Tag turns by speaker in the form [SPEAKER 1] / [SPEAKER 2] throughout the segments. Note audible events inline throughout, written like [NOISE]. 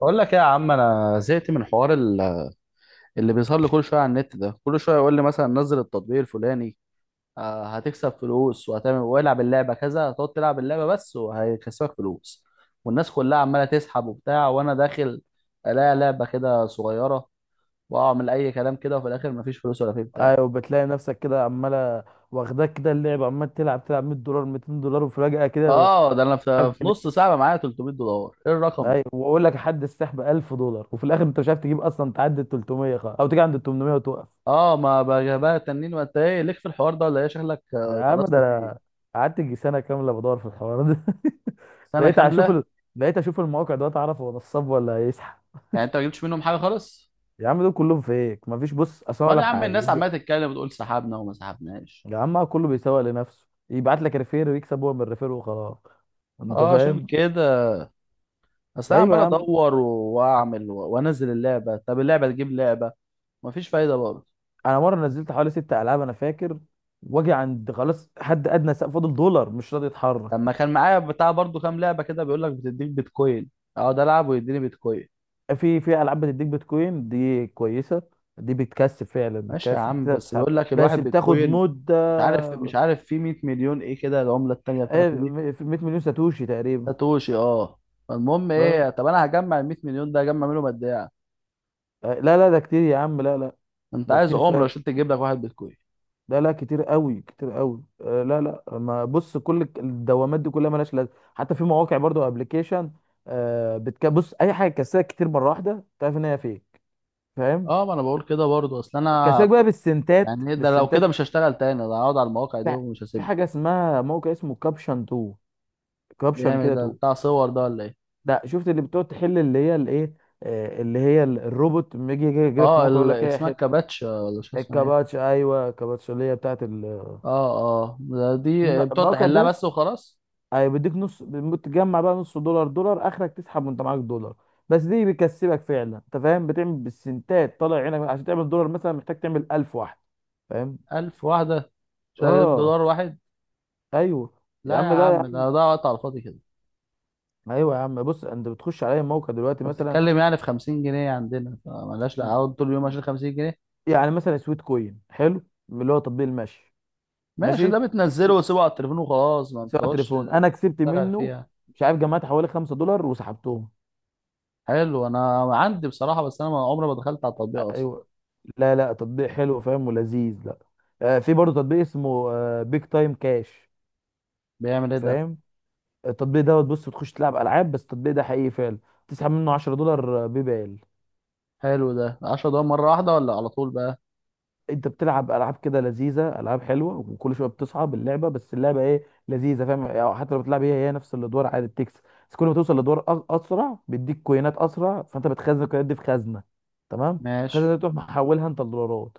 [SPEAKER 1] بقول لك ايه يا عم، انا زهقت من اللي بيظهر لي كل شويه على النت ده. كل شويه يقول لي مثلا نزل التطبيق الفلاني. هتكسب فلوس وهتعمل والعب اللعبه كذا، هتقعد تلعب اللعبه بس وهيكسبك فلوس، والناس كلها عماله تسحب وبتاع، وانا داخل الاقي لعبه كده صغيره واعمل اي كلام كده، وفي الاخر مفيش فلوس ولا في بتاع.
[SPEAKER 2] ايوه، بتلاقي نفسك كده عماله، واخداك كده اللعب، عمال تلعب تلعب $100 $200 وفجأة كده.
[SPEAKER 1] اه ده انا في نص ساعه بقى معايا 300 دولار، ايه الرقم ده؟
[SPEAKER 2] ايوه، واقول لك حد السحب $1000، وفي الاخر انت مش عارف تجيب اصلا تعدي ال 300 او تيجي عند ال 800 وتقف.
[SPEAKER 1] اه ما بقى تنين. وانت ايه ليك في الحوار ده؟ ولا ايه شكلك؟
[SPEAKER 2] يا عم ده
[SPEAKER 1] اتقرصت
[SPEAKER 2] انا
[SPEAKER 1] فيه؟
[SPEAKER 2] قعدت يجي سنه كامله بدور في الحوار ده. [LAUGHS]
[SPEAKER 1] سنه
[SPEAKER 2] بقيت
[SPEAKER 1] كامله؟
[SPEAKER 2] اشوف ال... بقيت اشوف المواقع دلوقتي اعرف هو نصاب ولا هيسحب.
[SPEAKER 1] يعني انت ما جبتش منهم حاجه خالص؟
[SPEAKER 2] يا عم دول كلهم فيك، مفيش. بص، اصل أنا
[SPEAKER 1] امال
[SPEAKER 2] اقول
[SPEAKER 1] يا
[SPEAKER 2] لك
[SPEAKER 1] عم الناس
[SPEAKER 2] حاجه.
[SPEAKER 1] عماله تتكلم وتقول سحبنا وما سحبناش؟
[SPEAKER 2] يا عم، كله بيسوق لنفسه، يبعت لك ريفير ويكسب هو من الريفير وخلاص. انت
[SPEAKER 1] اه، عشان
[SPEAKER 2] فاهم؟
[SPEAKER 1] كده. اصل انا
[SPEAKER 2] ايوه
[SPEAKER 1] عمال
[SPEAKER 2] يا عم.
[SPEAKER 1] ادور واعمل وانزل اللعبه، طب اللعبه تجيب لعبه مفيش فايده برضه.
[SPEAKER 2] انا مره نزلت حوالي ست العاب انا فاكر. واجي عند خلاص حد ادنى سقف فاضل دولار مش راضي يتحرك.
[SPEAKER 1] لما كان معايا بتاع برضه كام لعبه كده، بيقول لك بتديك بيتكوين، اقعد العب ويديني بيتكوين.
[SPEAKER 2] في العاب بتديك بيتكوين دي كويسه، دي بتكسب فعلا،
[SPEAKER 1] ماشي يا
[SPEAKER 2] بتكسب،
[SPEAKER 1] عم،
[SPEAKER 2] بتقدر
[SPEAKER 1] بس
[SPEAKER 2] تسحب،
[SPEAKER 1] بيقول لك
[SPEAKER 2] بس
[SPEAKER 1] الواحد
[SPEAKER 2] بتاخد
[SPEAKER 1] بيتكوين؟
[SPEAKER 2] مده.
[SPEAKER 1] مش عارف في 100 مليون ايه كده، العمله التانيه بتاعته دي؟
[SPEAKER 2] في 100 مليون ساتوشي تقريبا.
[SPEAKER 1] ساتوشي، اه. فالمهم
[SPEAKER 2] اه.
[SPEAKER 1] ايه؟ طب انا هجمع ال 100 مليون ده، هجمع منهم قد ايه؟
[SPEAKER 2] لا لا ده كتير يا عم، لا لا.
[SPEAKER 1] انت
[SPEAKER 2] ده
[SPEAKER 1] عايز
[SPEAKER 2] كتير
[SPEAKER 1] عمره
[SPEAKER 2] فعلا.
[SPEAKER 1] عشان تجيب لك واحد بيتكوين.
[SPEAKER 2] لا لا كتير قوي كتير قوي. لا لا. ما بص، كل الدوامات دي كلها مالهاش لازمه، حتى في مواقع برضو ابلكيشن. بتبص اي حاجه تكسبك كتير مره واحده تعرف ان هي فيك. فاهم؟
[SPEAKER 1] اه، ما انا بقول كده برضه، اصل انا
[SPEAKER 2] كسبك بقى بالسنتات
[SPEAKER 1] يعني ايه ده؟ لو كده
[SPEAKER 2] بالسنتات.
[SPEAKER 1] مش هشتغل تاني، ده هقعد على المواقع دي
[SPEAKER 2] في
[SPEAKER 1] ومش
[SPEAKER 2] في
[SPEAKER 1] هسيبها.
[SPEAKER 2] حاجه اسمها، موقع اسمه كابشن 2، كابشن
[SPEAKER 1] بيعمل ايه
[SPEAKER 2] كده
[SPEAKER 1] ده؟
[SPEAKER 2] 2.
[SPEAKER 1] بتاع صور ده ولا ايه؟
[SPEAKER 2] ده شفت اللي بتقعد تحل، اللي هي الايه؟ اللي هي الروبوت لما يجي لك في
[SPEAKER 1] اه،
[SPEAKER 2] موقع يقول لك ايه،
[SPEAKER 1] اسمها
[SPEAKER 2] حل.
[SPEAKER 1] كباتش ولا شو اسمها ايه؟
[SPEAKER 2] الكباتش، ايوه الكباتش اللي هي بتاعت
[SPEAKER 1] اه. اه ده، دي بتقعد
[SPEAKER 2] الموقع
[SPEAKER 1] تحلها
[SPEAKER 2] ده.
[SPEAKER 1] بس وخلاص؟
[SPEAKER 2] ايوه بيديك نص، بتجمع بقى نص دولار، دولار اخرك تسحب وانت معاك دولار. بس دي بيكسبك فعلا، انت فاهم، بتعمل بالسنتات طالع عينك عشان تعمل دولار، مثلا محتاج تعمل 1000 واحده. فاهم؟
[SPEAKER 1] ألف واحدة شغالين
[SPEAKER 2] اه.
[SPEAKER 1] بدولار واحد؟
[SPEAKER 2] ايوه يا
[SPEAKER 1] لا يا
[SPEAKER 2] عم ده.
[SPEAKER 1] عم، ده وقت على الفاضي كده.
[SPEAKER 2] ايوه يا عم، بص، انت بتخش على اي موقع دلوقتي
[SPEAKER 1] انت
[SPEAKER 2] مثلا.
[SPEAKER 1] بتتكلم يعني في 50 جنيه عندنا، فمالهاش، لا
[SPEAKER 2] م-
[SPEAKER 1] اقعد طول اليوم عشان 50 جنيه.
[SPEAKER 2] يعني مثلا سويت كوين حلو، اللي هو تطبيق المشي.
[SPEAKER 1] ماشي، ده
[SPEAKER 2] ماشي،
[SPEAKER 1] بتنزله وسيبه على التليفون وخلاص، ما
[SPEAKER 2] سواء
[SPEAKER 1] بتقعدش
[SPEAKER 2] تليفون. انا كسبت
[SPEAKER 1] تشتغل
[SPEAKER 2] منه،
[SPEAKER 1] فيها.
[SPEAKER 2] مش عارف، جمعت حوالي $5 وسحبتهم.
[SPEAKER 1] حلو، انا عندي بصراحة، بس انا عمري ما دخلت على التطبيق اصلا.
[SPEAKER 2] ايوه. لا لا تطبيق حلو فاهم ولذيذ، لا. في برضه تطبيق اسمه بيج تايم كاش.
[SPEAKER 1] بيعمل ايه ده؟
[SPEAKER 2] فاهم؟ التطبيق دوت، بص بتخش تلعب العاب بس التطبيق ده حقيقي فعلا، تسحب منه $10 بيبال.
[SPEAKER 1] حلو ده، 10 دقايق مرة واحدة ولا على طول بقى؟
[SPEAKER 2] انت بتلعب العاب كده لذيذه، العاب حلوه، وكل شويه بتصعب اللعبه، بس اللعبه ايه، لذيذه، فاهم يعني، حتى لو بتلعب هي هي نفس الادوار عادي بتكسب، بس كل ما توصل لدور اسرع بيديك كوينات اسرع، فانت بتخزن الكوينات دي في خزنه. تمام.
[SPEAKER 1] ماشي.
[SPEAKER 2] الخزنه دي تروح محولها انت لدولارات.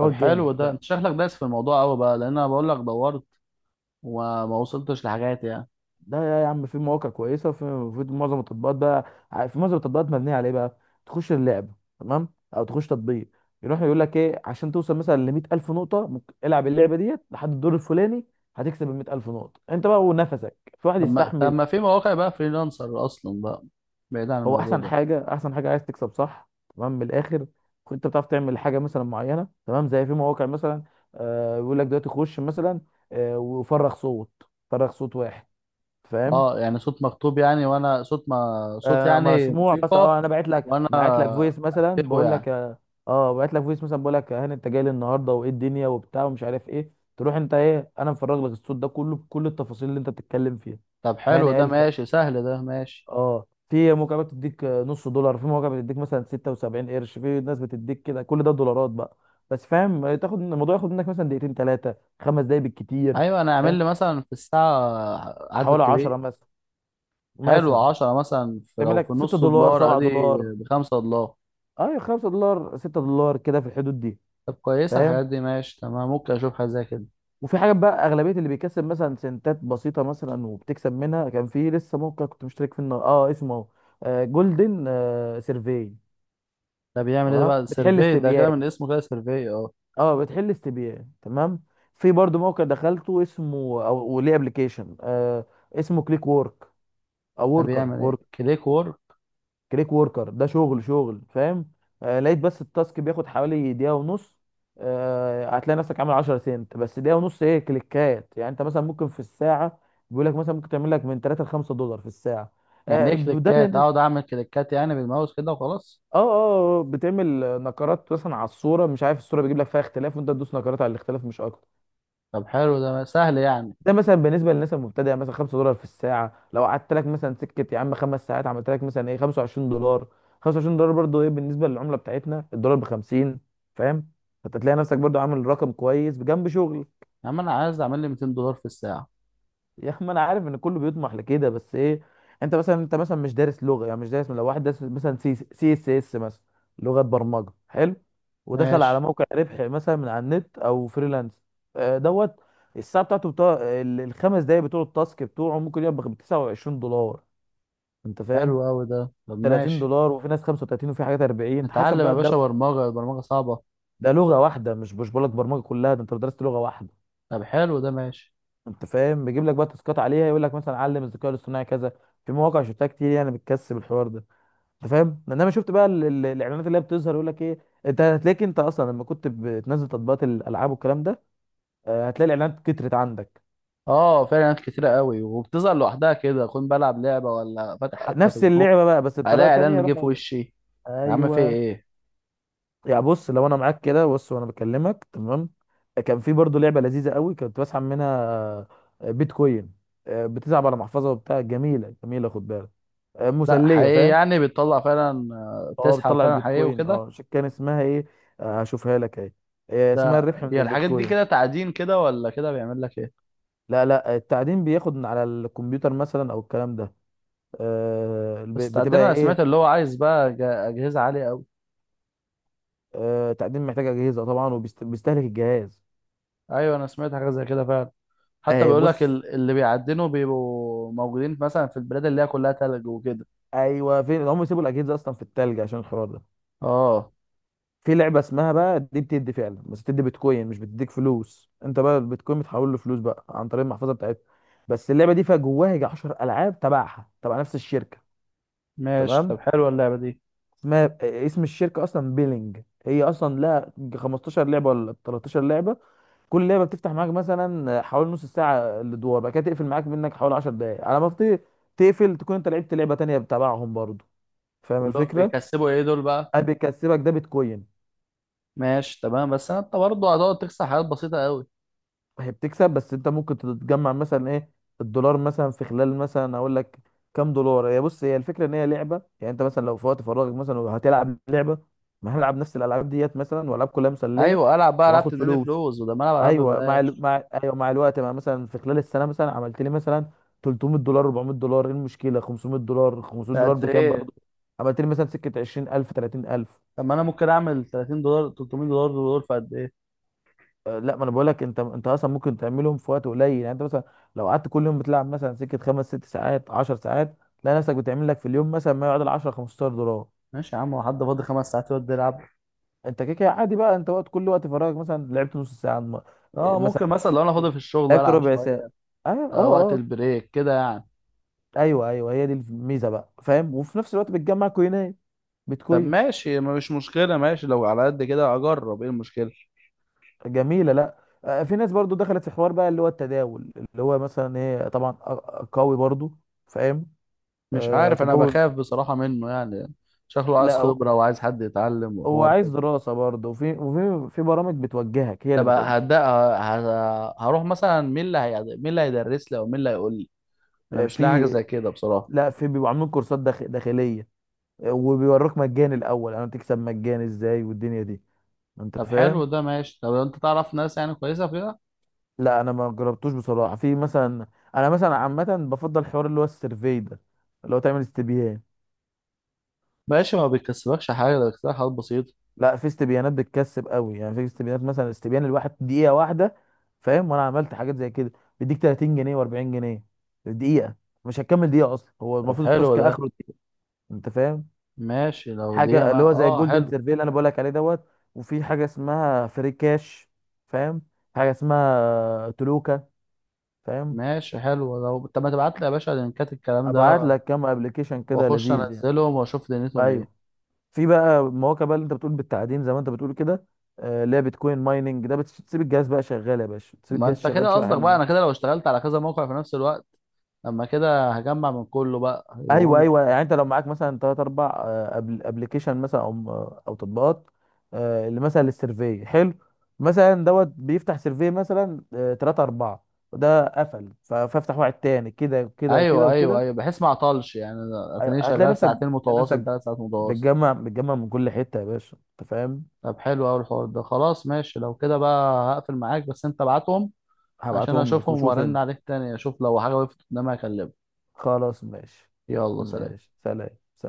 [SPEAKER 1] طب
[SPEAKER 2] جامد،
[SPEAKER 1] حلو ده،
[SPEAKER 2] لا.
[SPEAKER 1] انت شكلك دايس في الموضوع قوي بقى، لان انا بقول لك دورت وما وصلتش لحاجات يعني.
[SPEAKER 2] ده يا عم في مواقع كويسه، وفي، في معظم التطبيقات بقى، في معظم التطبيقات مبنيه على ايه بقى؟ تخش اللعبه، تمام، او تخش تطبيق، يروح يقول لك ايه، عشان توصل مثلا ل 100,000 نقطه ممكن العب اللعبه ديت لحد الدور الفلاني، هتكسب ال 100,000 نقطه انت بقى، ونفسك في واحد
[SPEAKER 1] طب ما، طب
[SPEAKER 2] يستحمل.
[SPEAKER 1] ما في مواقع بقى فريلانسر اصلا بقى، بعيد عن
[SPEAKER 2] هو
[SPEAKER 1] الموضوع
[SPEAKER 2] احسن
[SPEAKER 1] ده.
[SPEAKER 2] حاجه، احسن حاجه عايز تكسب صح، تمام، من الاخر. انت بتعرف تعمل حاجه مثلا معينه، تمام، زي في مواقع مثلا بيقول لك دلوقتي خش مثلا وفرغ صوت، فرغ صوت واحد. فاهم؟
[SPEAKER 1] اه يعني صوت مكتوب يعني؟ وانا صوت، ما صوت يعني
[SPEAKER 2] مسموع، بس
[SPEAKER 1] موسيقى،
[SPEAKER 2] انا بعت لك
[SPEAKER 1] وانا
[SPEAKER 2] بعت لك فويس مثلا
[SPEAKER 1] اكتبه
[SPEAKER 2] بقول
[SPEAKER 1] يعني؟
[SPEAKER 2] لك اه، بعت لك فويس مثلا بقول لك، هاني انت جاي لي النهارده وايه الدنيا وبتاع ومش عارف ايه، تروح انت ايه، انا مفرغ لك الصوت ده كله بكل التفاصيل اللي انت بتتكلم فيها.
[SPEAKER 1] طب حلو
[SPEAKER 2] هاني
[SPEAKER 1] ده،
[SPEAKER 2] قال كده.
[SPEAKER 1] ماشي سهل ده، ماشي.
[SPEAKER 2] اه، في موقع بتديك نص دولار، في موقع بتديك مثلا 76 قرش، في ناس بتديك كده، كل ده دولارات بقى. بس فاهم، تاخد الموضوع، ياخد منك مثلا دقيقتين ثلاثه، 5 دقايق بالكتير.
[SPEAKER 1] ايوه، انا اعمل
[SPEAKER 2] فاهم؟
[SPEAKER 1] لي مثلا في الساعة عدد
[SPEAKER 2] حوالي
[SPEAKER 1] كبير،
[SPEAKER 2] 10 مثلا.
[SPEAKER 1] حلو
[SPEAKER 2] مثلا
[SPEAKER 1] 10 مثلا، في
[SPEAKER 2] تعمل
[SPEAKER 1] لو في
[SPEAKER 2] لك 6
[SPEAKER 1] نص
[SPEAKER 2] دولار
[SPEAKER 1] دولار
[SPEAKER 2] 7
[SPEAKER 1] ادي
[SPEAKER 2] دولار
[SPEAKER 1] بخمسة دولار.
[SPEAKER 2] اه، $5 $6 كده في الحدود دي.
[SPEAKER 1] طب كويسة
[SPEAKER 2] فاهم؟
[SPEAKER 1] الحاجات دي، ماشي تمام، ممكن أشوف حاجة زي كده.
[SPEAKER 2] وفي حاجات بقى، اغلبيه اللي بيكسب مثلا سنتات بسيطه مثلا وبتكسب منها، كان في لسه موقع كنت مشترك فيه اسمه اهو، جولدن سيرفي.
[SPEAKER 1] ده بيعمل إيه ده
[SPEAKER 2] تمام،
[SPEAKER 1] بقى؟
[SPEAKER 2] بتحل
[SPEAKER 1] سيرفي ده
[SPEAKER 2] استبيان.
[SPEAKER 1] كده من اسمه، كده سيرفي، أه.
[SPEAKER 2] اه بتحل استبيان، تمام. في برضو موقع دخلته اسمه، او وليه ابلكيشن، اسمه كليك وورك، او
[SPEAKER 1] ده
[SPEAKER 2] وركر.
[SPEAKER 1] بيعمل إيه كليك وورك؟
[SPEAKER 2] كليك وركر ده شغل شغل فاهم؟ لقيت بس التاسك بياخد حوالي دقيقة ونص. هتلاقي نفسك عامل 10 سنت بس، دقيقة ونص ايه كليكات. يعني انت مثلا ممكن في الساعة، بيقول لك مثلا ممكن تعمل لك من 3 ل $5 في الساعة.
[SPEAKER 1] يعني
[SPEAKER 2] آه
[SPEAKER 1] إيه
[SPEAKER 2] ده
[SPEAKER 1] كليكات؟
[SPEAKER 2] لأن-
[SPEAKER 1] أقعد أعمل كليكات يعني بالماوس كده وخلاص؟
[SPEAKER 2] اه اه آه، بتعمل نقرات مثلا على الصورة، مش عارف، الصورة بيجيب لك فيها اختلاف وانت تدوس نقرات على الاختلاف، مش اكتر.
[SPEAKER 1] طب حلو ده، سهل يعني.
[SPEAKER 2] ده مثلا بالنسبه للناس المبتدئه، يعني مثلا $5 في الساعه، لو قعدت لك مثلا سكه يا عم 5 ساعات عملت لك مثلا ايه، $25. $25 برضو ايه بالنسبه للعمله بتاعتنا، الدولار ب 50. فاهم؟ فانت تلاقي نفسك برضو عامل رقم كويس بجنب شغل.
[SPEAKER 1] يا عم أنا عايز أعمل لي 200 دولار في الساعة.
[SPEAKER 2] يا اخي ما انا عارف ان كله بيطمح لكده، بس ايه، انت مثلا مش دارس لغه، يعني مش دارس. لو واحد دارس مثلا سي اس اس مثلا، لغه برمجه، حلو ودخل
[SPEAKER 1] ماشي،
[SPEAKER 2] على موقع ربح مثلا من على النت او فريلانس، دوت الساعه بتاعته، بتاع الخمس دقايق بتوع التاسك بتوعه ممكن يبقى ب $29. انت فاهم؟
[SPEAKER 1] حلو أوي ده، طب
[SPEAKER 2] 30
[SPEAKER 1] ماشي.
[SPEAKER 2] دولار وفي ناس 35، وفي حاجات 40، حسب
[SPEAKER 1] نتعلم يا
[SPEAKER 2] بقى ده.
[SPEAKER 1] باشا برمجة؟ البرمجة صعبة.
[SPEAKER 2] ده لغه واحده، مش بقول لك برمجه كلها، ده انت لو درست لغه واحده.
[SPEAKER 1] طب حلو ده، ماشي.
[SPEAKER 2] انت فاهم، بيجيب لك بقى تاسكات عليها، يقول لك مثلا علم الذكاء الاصطناعي كذا. في مواقع شفتها كتير يعني بتكسب الحوار ده. انت فاهم، انما شفت بقى الاعلانات اللي هي بتظهر يقول لك ايه؟ انت هتلاقيك انت اصلا لما كنت بتنزل تطبيقات الالعاب والكلام ده هتلاقي الاعلانات كترت عندك.
[SPEAKER 1] أه فعلا، ناس كتيرة أوي وبتظهر لوحدها كده، أكون بلعب لعبة ولا فاتح حتى
[SPEAKER 2] نفس
[SPEAKER 1] فيسبوك
[SPEAKER 2] اللعبه بقى بس
[SPEAKER 1] ألاقي
[SPEAKER 2] بطريقه تانيه،
[SPEAKER 1] إعلان جه
[SPEAKER 2] رحنا
[SPEAKER 1] في
[SPEAKER 2] قال لك.
[SPEAKER 1] وشي، يا عم في
[SPEAKER 2] ايوه.
[SPEAKER 1] إيه؟
[SPEAKER 2] يعني بص لو انا معاك كده، بص وانا بكلمك تمام، كان في برضه لعبه لذيذه قوي كنت بسحب منها، بيتكوين. بتلعب على محفظه وبتاع، جميله جميله، خد بالك،
[SPEAKER 1] لا
[SPEAKER 2] مسليه،
[SPEAKER 1] حقيقي
[SPEAKER 2] فاهم؟
[SPEAKER 1] يعني، بتطلع فعلا؟
[SPEAKER 2] اه،
[SPEAKER 1] تسحب
[SPEAKER 2] بتطلع
[SPEAKER 1] فعلا حقيقي
[SPEAKER 2] البيتكوين.
[SPEAKER 1] وكده؟
[SPEAKER 2] كان اسمها ايه؟ هشوفها لك اهي. اسمها
[SPEAKER 1] ده
[SPEAKER 2] الربح من
[SPEAKER 1] هي الحاجات دي
[SPEAKER 2] البيتكوين.
[SPEAKER 1] كده تعدين كده ولا كده؟ بيعمل لك ايه؟
[SPEAKER 2] لا لا، التعدين بياخد من على الكمبيوتر مثلا، او الكلام ده.
[SPEAKER 1] بس تعدين،
[SPEAKER 2] بتبقى
[SPEAKER 1] انا
[SPEAKER 2] ايه.
[SPEAKER 1] سمعت اللي هو عايز بقى اجهزه عاليه قوي.
[SPEAKER 2] تعدين محتاج اجهزه طبعا، وبيستهلك الجهاز.
[SPEAKER 1] ايوه انا سمعت حاجه زي كده فعلا، حتى
[SPEAKER 2] اهي
[SPEAKER 1] بيقول لك
[SPEAKER 2] بص.
[SPEAKER 1] اللي بيعدنوا بيبقوا موجودين مثلا في البلاد اللي هي كلها تلج وكده.
[SPEAKER 2] ايوه فين هم يسيبوا الاجهزه اصلا في التلج عشان الحوار ده.
[SPEAKER 1] اه.
[SPEAKER 2] في لعبه اسمها بقى، دي بتدي فعلا، بس بتدي بيتكوين، مش بتديك فلوس، انت بقى البيتكوين بتحول له فلوس بقى عن طريق المحفظه بتاعتها. بس اللعبه دي فيها جواها يجي 10 العاب تبعها، تبع نفس الشركه.
[SPEAKER 1] ماشي طب
[SPEAKER 2] تمام.
[SPEAKER 1] حلوه اللعبه دي.
[SPEAKER 2] ما اسم الشركه اصلا بيلينج، هي اصلا لها 15 لعبه ولا 13 لعبه. كل لعبه بتفتح معاك مثلا حوالي نص ساعه الادوار، بعد كده تقفل معاك منك حوالي 10 دقائق على ما تقفل، تكون انت لعبت لعبه تانية بتابعهم برضو. فاهم
[SPEAKER 1] كلهم
[SPEAKER 2] الفكره؟
[SPEAKER 1] بيكسبوا ايه دول بقى؟
[SPEAKER 2] بيكسبك ده بيتكوين.
[SPEAKER 1] ماشي تمام، بس انت برضه هتقعد تكسب حاجات بسيطه قوي.
[SPEAKER 2] هي بتكسب، بس انت ممكن تتجمع مثلا ايه، الدولار مثلا في خلال مثلا، اقول لك كام دولار. هي بص، هي الفكره ان هي لعبه، يعني انت مثلا لو في وقت فراغك مثلا هتلعب لعبه، ما هنلعب نفس الالعاب ديت مثلا، والعاب كلها مسليه،
[SPEAKER 1] ايوه العب بقى، العب
[SPEAKER 2] وهاخد
[SPEAKER 1] تديني
[SPEAKER 2] فلوس.
[SPEAKER 1] فلوس، وده ما العب، العب
[SPEAKER 2] ايوه،
[SPEAKER 1] ببلاش.
[SPEAKER 2] مع، ايوه، مع الوقت، مع مثلا في خلال السنه مثلا عملت لي مثلا $300 $400، ايه المشكله؟ $500 $500
[SPEAKER 1] قد
[SPEAKER 2] بكام
[SPEAKER 1] ايه؟
[SPEAKER 2] برضه. عملت لي مثلا سكه 20,000 30,000.
[SPEAKER 1] طب ما انا ممكن اعمل 30 دولار، 300 دولار دول في قد ايه؟
[SPEAKER 2] لا، ما انا بقول لك، انت اصلا ممكن تعملهم في وقت قليل. يعني انت مثلا لو قعدت كل يوم بتلعب مثلا سكه خمس ست ساعات 10 ساعات، تلاقي نفسك بتعمل لك في اليوم مثلا ما يعادل 10 $15.
[SPEAKER 1] ماشي يا عم، هو حد فاضي خمس ساعات يقعد يلعب؟
[SPEAKER 2] انت كده كده عادي بقى، انت كل وقت فراغك مثلا لعبت نص ساعه
[SPEAKER 1] اه
[SPEAKER 2] مثلا
[SPEAKER 1] ممكن، مثلا لو انا فاضي في الشغل
[SPEAKER 2] لعبت
[SPEAKER 1] العب
[SPEAKER 2] ربع ساعه.
[SPEAKER 1] شويه.
[SPEAKER 2] ايوه اه
[SPEAKER 1] آه وقت
[SPEAKER 2] اه.
[SPEAKER 1] البريك كده يعني.
[SPEAKER 2] ايوه ايوه، هي دي الميزه بقى، فاهم، وفي نفس الوقت بتجمع كوينات،
[SPEAKER 1] طب
[SPEAKER 2] بتكوين.
[SPEAKER 1] ماشي، ما مش مشكله، ماشي لو على قد كده اجرب، ايه المشكله؟
[SPEAKER 2] جميله، لا. في ناس برضو دخلت في حوار بقى، اللي هو التداول، اللي هو مثلا ايه، طبعا قوي برضو. فاهم.
[SPEAKER 1] مش عارف، انا
[SPEAKER 2] تداول.
[SPEAKER 1] بخاف بصراحه منه يعني. شكله عايز
[SPEAKER 2] لا، هو،
[SPEAKER 1] خبره وعايز حد يتعلم
[SPEAKER 2] هو
[SPEAKER 1] وحوار
[SPEAKER 2] عايز
[SPEAKER 1] كده.
[SPEAKER 2] دراسه برضو، وفي برامج بتوجهك، هي اللي
[SPEAKER 1] طب
[SPEAKER 2] بتوجهك.
[SPEAKER 1] هبدا، هروح مثلا مين اللي هي، مين اللي هيدرس لي او مين اللي هيقول لي؟ انا
[SPEAKER 2] آه،
[SPEAKER 1] مش لاقي حاجه
[SPEAKER 2] في
[SPEAKER 1] زي كده بصراحه.
[SPEAKER 2] لا، في بيبقوا عاملين كورسات داخليه. وبيوروك مجاني الاول، يعني تكسب مجاني ازاي والدنيا دي. انت
[SPEAKER 1] طب حلو
[SPEAKER 2] فاهم؟
[SPEAKER 1] ده، ماشي. طب انت تعرف ناس يعني كويسه فيها؟
[SPEAKER 2] لا انا ما جربتوش بصراحه، في مثلا، انا مثلا عامه بفضل حوار اللي هو السيرفي ده، اللي هو تعمل استبيان.
[SPEAKER 1] ماشي، ما بيكسبكش حاجة ده، بيكسبك حاجات بسيطة.
[SPEAKER 2] لا، في استبيانات بتكسب قوي، يعني في استبيانات مثلا استبيان الواحد دقيقه واحده، فاهم؟ وانا عملت حاجات زي كده، بيديك 30 جنيه و40 جنيه، دقيقه. مش هتكمل دقيقه اصلا، هو
[SPEAKER 1] طب
[SPEAKER 2] المفروض
[SPEAKER 1] حلو
[SPEAKER 2] التاسك
[SPEAKER 1] ده،
[SPEAKER 2] اخره دقيقه. انت فاهم؟
[SPEAKER 1] ماشي لو دي،
[SPEAKER 2] حاجه
[SPEAKER 1] ما
[SPEAKER 2] اللي هو زي
[SPEAKER 1] اه
[SPEAKER 2] الجولدن
[SPEAKER 1] حلو.
[SPEAKER 2] سيرفي اللي انا بقول لك عليه دوت، وفي حاجه اسمها فري كاش، فاهم؟ حاجه اسمها تلوكا، فاهم؟
[SPEAKER 1] ماشي حلو، لو طب ما تبعت لي يا باشا لينكات الكلام
[SPEAKER 2] ابعت
[SPEAKER 1] ده،
[SPEAKER 2] لك كام ابلكيشن كده
[SPEAKER 1] واخش
[SPEAKER 2] لذيذ يعني.
[SPEAKER 1] انزلهم واشوف دنيتهم ايه.
[SPEAKER 2] ايوه. في بقى مواقع بقى اللي انت بتقول بالتعدين، زي ما انت بتقول كده، اللي هي بيتكوين مايننج، ده بتسيب الجهاز بقى شغال يا باشا، تسيب
[SPEAKER 1] ما
[SPEAKER 2] الجهاز
[SPEAKER 1] انت
[SPEAKER 2] شغال
[SPEAKER 1] كده
[SPEAKER 2] شويه،
[SPEAKER 1] قصدك بقى
[SPEAKER 2] حلوين.
[SPEAKER 1] انا كده لو اشتغلت على كذا موقع في نفس الوقت، لما كده هجمع من كله بقى يبقى
[SPEAKER 2] ايوه
[SPEAKER 1] مبلغ.
[SPEAKER 2] ايوه، يعني انت لو معاك مثلا ثلاث اربع ابلكيشن مثلا، او تطبيقات، اللي مثلا للسيرفي حلو، مثلا دوت بيفتح سيرفي مثلا ثلاثة أربعة، وده قفل فافتح واحد تاني كده وكده وكده
[SPEAKER 1] ايوه ايوه
[SPEAKER 2] وكده.
[SPEAKER 1] ايوه، بحيث ما اعطلش يعني، أنا اتنين
[SPEAKER 2] أيوة، هتلاقي
[SPEAKER 1] شغال
[SPEAKER 2] نفسك
[SPEAKER 1] ساعتين
[SPEAKER 2] هتلاقي
[SPEAKER 1] متواصل،
[SPEAKER 2] نفسك
[SPEAKER 1] ثلاث ساعات متواصل.
[SPEAKER 2] بتجمع من كل حتة يا باشا، انت فاهم.
[SPEAKER 1] طب حلو قوي الحوار ده، خلاص ماشي، لو كده بقى هقفل معاك، بس انت ابعتهم عشان
[SPEAKER 2] هبعتهم لك
[SPEAKER 1] اشوفهم،
[SPEAKER 2] وشوف
[SPEAKER 1] وارن
[SPEAKER 2] انت.
[SPEAKER 1] عليك تاني اشوف لو حاجه وقفت قدامي اكلمك.
[SPEAKER 2] خلاص ماشي.
[SPEAKER 1] يلا سلام.
[SPEAKER 2] ماشي سلام.